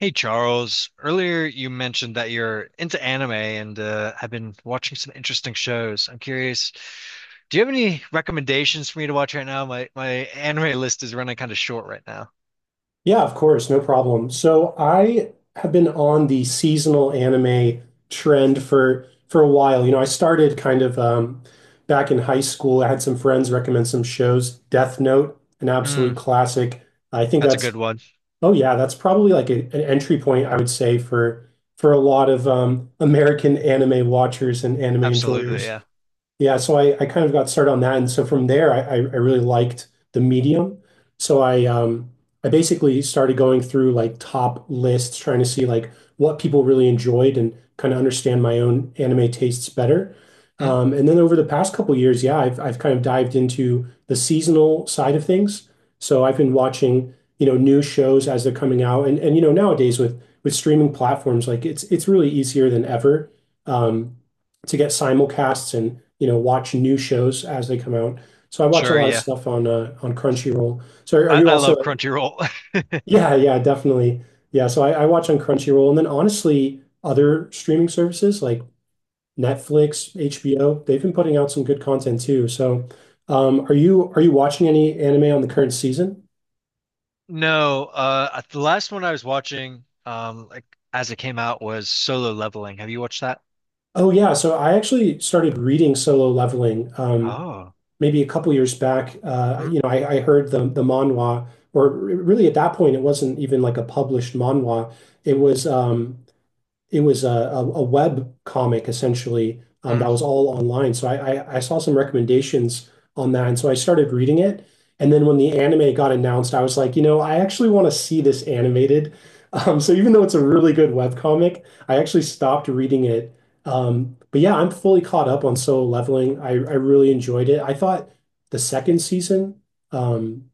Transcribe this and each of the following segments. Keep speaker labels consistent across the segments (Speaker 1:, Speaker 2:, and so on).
Speaker 1: Hey Charles, earlier you mentioned that you're into anime and have been watching some interesting shows. I'm curious, do you have any recommendations for me to watch right now? My anime list is running kind of short right now.
Speaker 2: Yeah, of course, no problem. So I have been on the seasonal anime trend for a while. You know, I started kind of back in high school. I had some friends recommend some shows. Death Note, an
Speaker 1: Mm,
Speaker 2: absolute classic. I think
Speaker 1: that's a
Speaker 2: that's
Speaker 1: good one.
Speaker 2: Oh yeah, that's probably like an entry point I would say for a lot of American anime watchers and anime
Speaker 1: Absolutely,
Speaker 2: enjoyers.
Speaker 1: yeah.
Speaker 2: Yeah, so I kind of got started on that, and so from there, I really liked the medium. So I basically started going through like top lists, trying to see like what people really enjoyed and kind of understand my own anime tastes better.
Speaker 1: Mm,
Speaker 2: And then over the past couple years, yeah, I've kind of dived into the seasonal side of things. So I've been watching, new shows as they're coming out, and nowadays with streaming platforms, like it's really easier than ever um, to get simulcasts and watch new shows as they come out. So I watch a
Speaker 1: sure,
Speaker 2: lot of
Speaker 1: yeah.
Speaker 2: stuff on Crunchyroll. So are
Speaker 1: I,
Speaker 2: you
Speaker 1: I
Speaker 2: also?
Speaker 1: love Crunchyroll.
Speaker 2: Yeah, yeah, definitely. Yeah, so I watch on Crunchyroll, and then honestly, other streaming services like Netflix, HBO, they've been putting out some good content too. So, are you watching any anime on the current season?
Speaker 1: No, the last one I was watching, like as it came out, was Solo Leveling. Have you watched that?
Speaker 2: Oh yeah, so I actually started reading Solo Leveling
Speaker 1: Oh,
Speaker 2: maybe a couple years back.
Speaker 1: mm,
Speaker 2: You know, I heard the manhwa, or really at that point, it wasn't even like a published manhwa. It was um, it was a web comic essentially that
Speaker 1: mm,
Speaker 2: was all online. So I saw some recommendations on that, and so I started reading it. And then when the anime got announced, I was like, I actually want to see this animated. So even though it's a really good web comic, I actually stopped reading it. But yeah, I'm fully caught up on Solo Leveling. I really enjoyed it. I thought the second season. Um,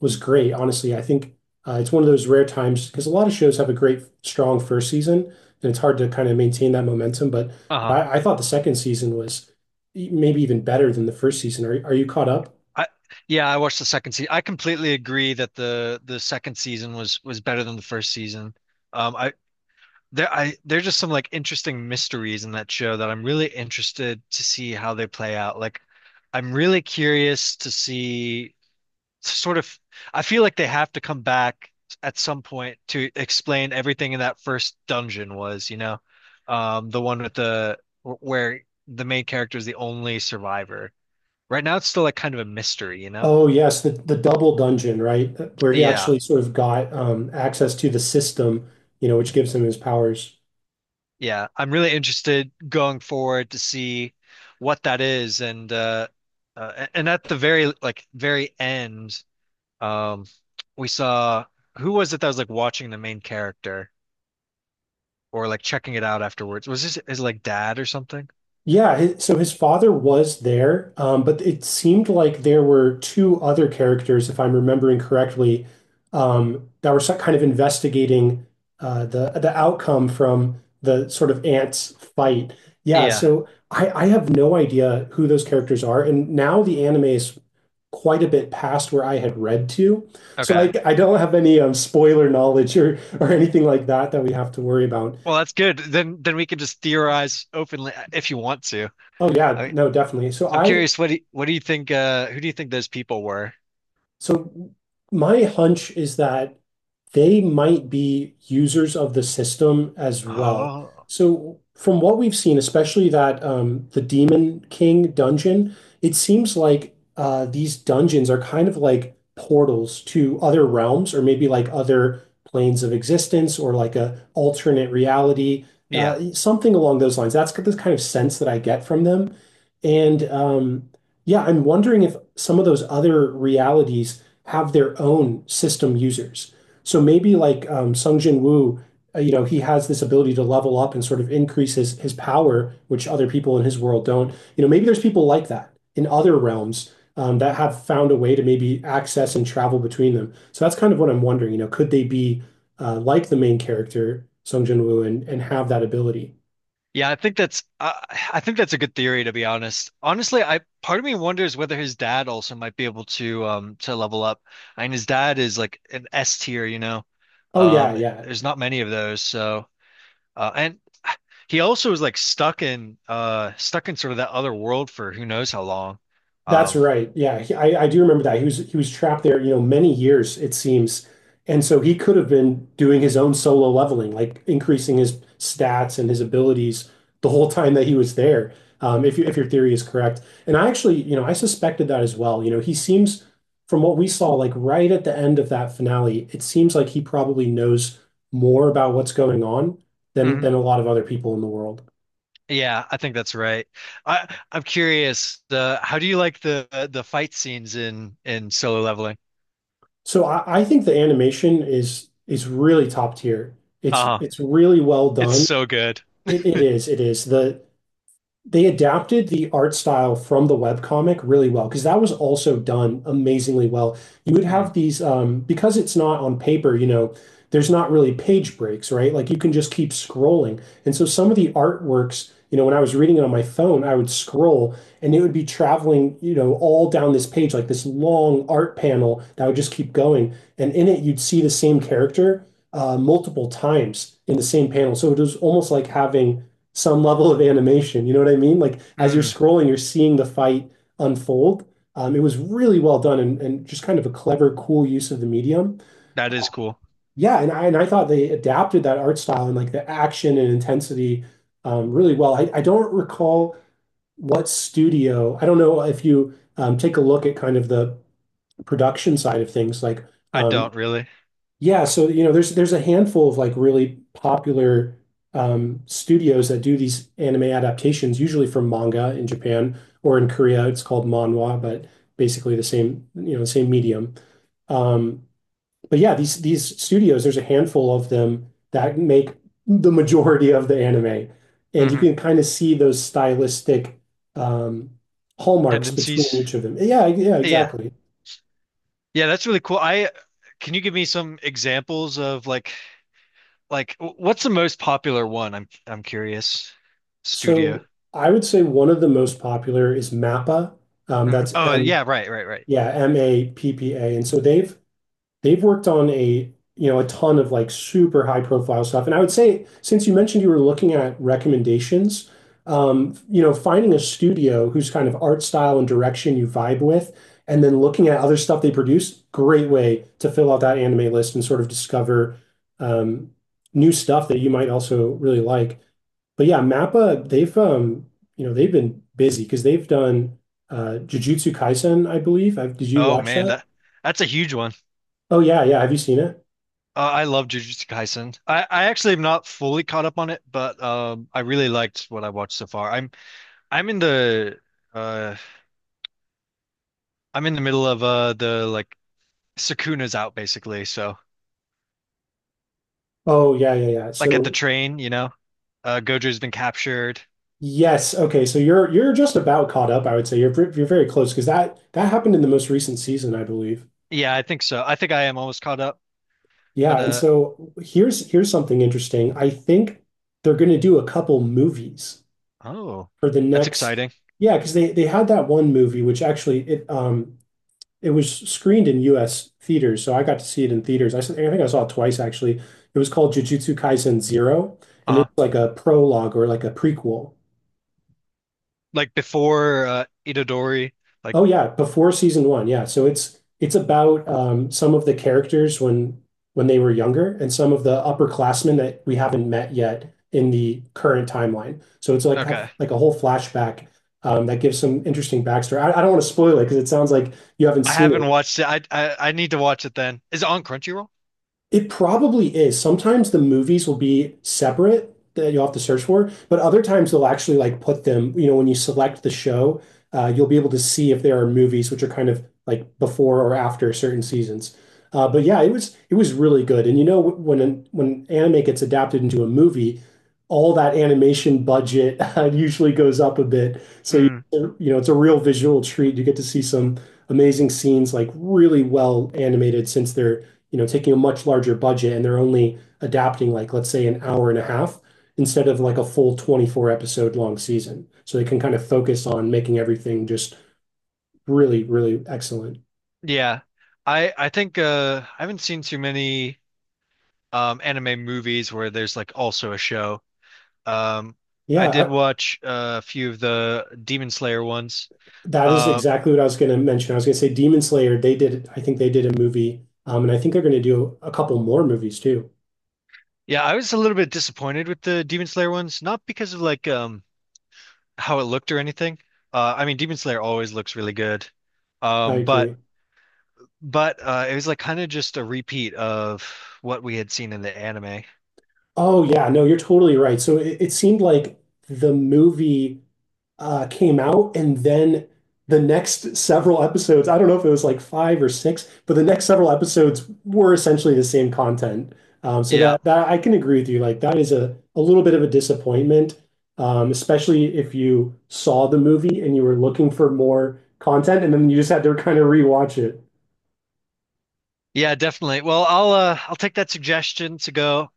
Speaker 2: was great, honestly. I think it's one of those rare times because a lot of shows have a great, strong first season, and it's hard to kind of maintain that momentum. But
Speaker 1: uh-huh.
Speaker 2: I thought the second season was maybe even better than the first season. Are you caught up?
Speaker 1: I yeah, I watched the second season. I completely agree that the second season was better than the first season. I there I There's just some like interesting mysteries in that show that I'm really interested to see how they play out. Like, I'm really curious to see sort of. I feel like they have to come back at some point to explain everything in that first dungeon was, you know, the one with the where the main character is the only survivor. Right now, it's still like kind of a mystery, you know.
Speaker 2: Oh yes, the double dungeon, right? Where he
Speaker 1: Yeah,
Speaker 2: actually sort of got access to the system, you know, which gives him his powers.
Speaker 1: yeah. I'm really interested going forward to see what that is and at the very like very end um we saw who was it that was like watching the main character or like checking it out afterwards? Was this is like dad or something?
Speaker 2: Yeah, so his father was there, but it seemed like there were two other characters, if I'm remembering correctly, that were kind of investigating the outcome from the sort of ants fight. Yeah,
Speaker 1: Yeah.
Speaker 2: so I have no idea who those characters are, and now the anime is quite a bit past where I had read to, so I
Speaker 1: Okay.
Speaker 2: I don't have any spoiler knowledge or anything like that that we have to worry about.
Speaker 1: Well, that's good. Then we can just theorize openly, if you want to.
Speaker 2: Oh
Speaker 1: I
Speaker 2: yeah,
Speaker 1: mean,
Speaker 2: no, definitely.
Speaker 1: I'm curious, what do you think, who do you think those people were?
Speaker 2: So my hunch is that they might be users of the system as well.
Speaker 1: Oh,
Speaker 2: So from what we've seen, especially that the Demon King dungeon, it seems like these dungeons are kind of like portals to other realms or maybe like other planes of existence or like a alternate reality,
Speaker 1: yeah.
Speaker 2: something along those lines. That's the kind of sense that I get from them, and, yeah, I'm wondering if some of those other realities have their own system users. So maybe like Sung Jin Woo, you know, he has this ability to level up and sort of increase his power, which other people in his world don't. You know, maybe there's people like that in other realms that have found a way to maybe access and travel between them. So that's kind of what I'm wondering. You know, could they be like the main character Sung Jin Woo and have that ability?
Speaker 1: Yeah, I think that's a good theory to be honest. Honestly, I part of me wonders whether his dad also might be able to level up. I mean, his dad is like an S tier, you know.
Speaker 2: Oh yeah,
Speaker 1: Um,
Speaker 2: yeah.
Speaker 1: there's not many of those, so and he also was like stuck in sort of that other world for who knows how long.
Speaker 2: That's
Speaker 1: Um,
Speaker 2: right. Yeah, I do remember that. He was trapped there, you know, many years it seems. And so he could have been doing his own solo leveling, like increasing his stats and his abilities the whole time that he was there. If you, if your theory is correct. And I actually, I suspected that as well. You know, he seems from what we saw, like right at the end of that finale, it seems like he probably knows more about what's going on
Speaker 1: mhm.
Speaker 2: than a lot of other people in the world.
Speaker 1: Yeah, I think that's right. I'm curious. The How do you like the fight scenes in Solo Leveling?
Speaker 2: So I think the animation is really top tier. It's
Speaker 1: Uh-huh.
Speaker 2: it's really well
Speaker 1: It's
Speaker 2: done.
Speaker 1: so good.
Speaker 2: It is, it is. They adapted the art style from the webcomic really well because that was also done amazingly well. You would
Speaker 1: Mm.
Speaker 2: have these because it's not on paper, there's not really page breaks, right? Like you can just keep scrolling. And so some of the artworks, when I was reading it on my phone, I would scroll and it would be traveling, all down this page, like this long art panel that would just keep going. And in it, you'd see the same character multiple times in the same panel. So it was almost like having some level of animation. You know what I mean? Like as you're
Speaker 1: Mm.
Speaker 2: scrolling, you're seeing the fight unfold. It was really well done and just kind of a clever, cool use of the medium.
Speaker 1: That is cool.
Speaker 2: Yeah, and I thought they adapted that art style and like the action and intensity really well. I don't recall what studio. I don't know if you take a look at kind of the production side of things, like
Speaker 1: I
Speaker 2: um,
Speaker 1: don't really.
Speaker 2: yeah, so there's a handful of like really popular studios that do these anime adaptations, usually from manga in Japan or in Korea. It's called manhwa, but basically the same, the same medium. Um, but yeah, these studios, there's a handful of them that make the majority of the anime, and you
Speaker 1: Hmm.
Speaker 2: can kind of see those stylistic um, hallmarks between
Speaker 1: Tendencies.
Speaker 2: each of them. Yeah, yeah,
Speaker 1: Yeah.
Speaker 2: exactly.
Speaker 1: Yeah, that's really cool. I Can you give me some examples of like what's the most popular one? I'm curious. Studio.
Speaker 2: So I would say one of the most popular is MAPPA. Um,
Speaker 1: Mhm.
Speaker 2: that's
Speaker 1: Oh yeah, right, right, right.
Speaker 2: Yeah, MAPPA. And so they've worked on a you know a ton of like super high profile stuff. And I would say since you mentioned you were looking at recommendations, finding a studio whose kind of art style and direction you vibe with, and then looking at other stuff they produce, great way to fill out that anime list and sort of discover um, new stuff that you might also really like. But yeah, MAPPA, they've been busy because they've done Jujutsu Kaisen, I believe. I Did you
Speaker 1: Oh
Speaker 2: watch
Speaker 1: man,
Speaker 2: that?
Speaker 1: that that's a huge one.
Speaker 2: Oh yeah, yeah. Have you seen it?
Speaker 1: I love Jujutsu Kaisen. I actually am not fully caught up on it, but I really liked what I watched so far. I'm in the uh I'm in the middle of the Sukuna's out basically, so
Speaker 2: Oh yeah, yeah, yeah.
Speaker 1: like at the
Speaker 2: So
Speaker 1: train, you know. Uh, Gojo's been captured.
Speaker 2: yes, okay. So you're just about caught up, I would say. You're very close because that happened in the most recent season, I believe.
Speaker 1: Yeah, I think so. I think I am almost caught up, but
Speaker 2: Yeah, and
Speaker 1: uh
Speaker 2: so here's something interesting. I think they're going to do a couple movies
Speaker 1: oh,
Speaker 2: for the
Speaker 1: that's
Speaker 2: next.
Speaker 1: exciting.
Speaker 2: Yeah, because they had that one movie which actually it was screened in U.S. theaters, so I got to see it in theaters. I think I saw it twice actually. It was called Jujutsu Kaisen Zero, and it
Speaker 1: Uh-huh.
Speaker 2: was like a prologue or like a prequel.
Speaker 1: Like before Itadori, like
Speaker 2: Oh yeah, before season one, yeah. So it's about some of the characters when they were younger and some of the upperclassmen that we haven't met yet in the current timeline. So it's
Speaker 1: okay.
Speaker 2: like a whole flashback that gives some interesting backstory. I don't want to spoil it because it sounds like you haven't
Speaker 1: I
Speaker 2: seen
Speaker 1: haven't
Speaker 2: it.
Speaker 1: watched it. I need to watch it then. Is it on Crunchyroll?
Speaker 2: It probably is. Sometimes the movies will be separate that you'll have to search for, but other times they'll actually like put them, when you select the show, you'll be able to see if there are movies which are kind of like before or after certain seasons. But yeah, it was really good. And when anime gets adapted into a movie, all that animation budget usually goes up a bit. So
Speaker 1: Mm,
Speaker 2: it's a real visual treat. You get to see some amazing scenes, like really well animated since they're taking a much larger budget and they're only adapting like, let's say, an hour and a half instead of like a full 24 episode long season. So they can kind of focus on making everything just really, really excellent.
Speaker 1: yeah. I think, I haven't seen too many anime movies where there's like also a show. Um I
Speaker 2: Yeah,
Speaker 1: did watch, a few of the Demon Slayer ones.
Speaker 2: that is
Speaker 1: Um
Speaker 2: exactly what I was going to mention. I was going to say Demon Slayer, they did, I think they did a movie, and I think they're going to do a couple more movies too.
Speaker 1: Yeah, I was a little bit disappointed with the Demon Slayer ones, not because of like how it looked or anything. I mean Demon Slayer always looks really good.
Speaker 2: I
Speaker 1: Um but
Speaker 2: agree.
Speaker 1: but it was like kind of just a repeat of what we had seen in the anime.
Speaker 2: Oh yeah, no, you're totally right. So it seemed like the movie came out, and then the next several episodes, I don't know if it was like five or six, but the next several episodes were essentially the same content. So
Speaker 1: Yeah.
Speaker 2: that that I can agree with you. Like that is a little bit of a disappointment, especially if you saw the movie and you were looking for more content, and then you just had to kind of rewatch it.
Speaker 1: Yeah, definitely. Well, I'll take that suggestion to go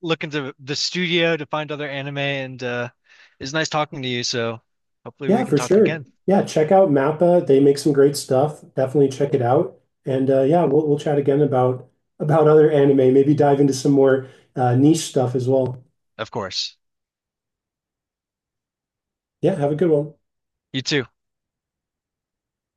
Speaker 1: look into the studio to find other anime, and it's nice talking to you, so hopefully we
Speaker 2: Yeah,
Speaker 1: can
Speaker 2: for
Speaker 1: talk
Speaker 2: sure.
Speaker 1: again.
Speaker 2: Yeah, check out Mappa. They make some great stuff. Definitely check it out. And yeah, we'll chat again about other anime. Maybe dive into some more niche stuff as well.
Speaker 1: Of course.
Speaker 2: Yeah, have a good one.
Speaker 1: You too.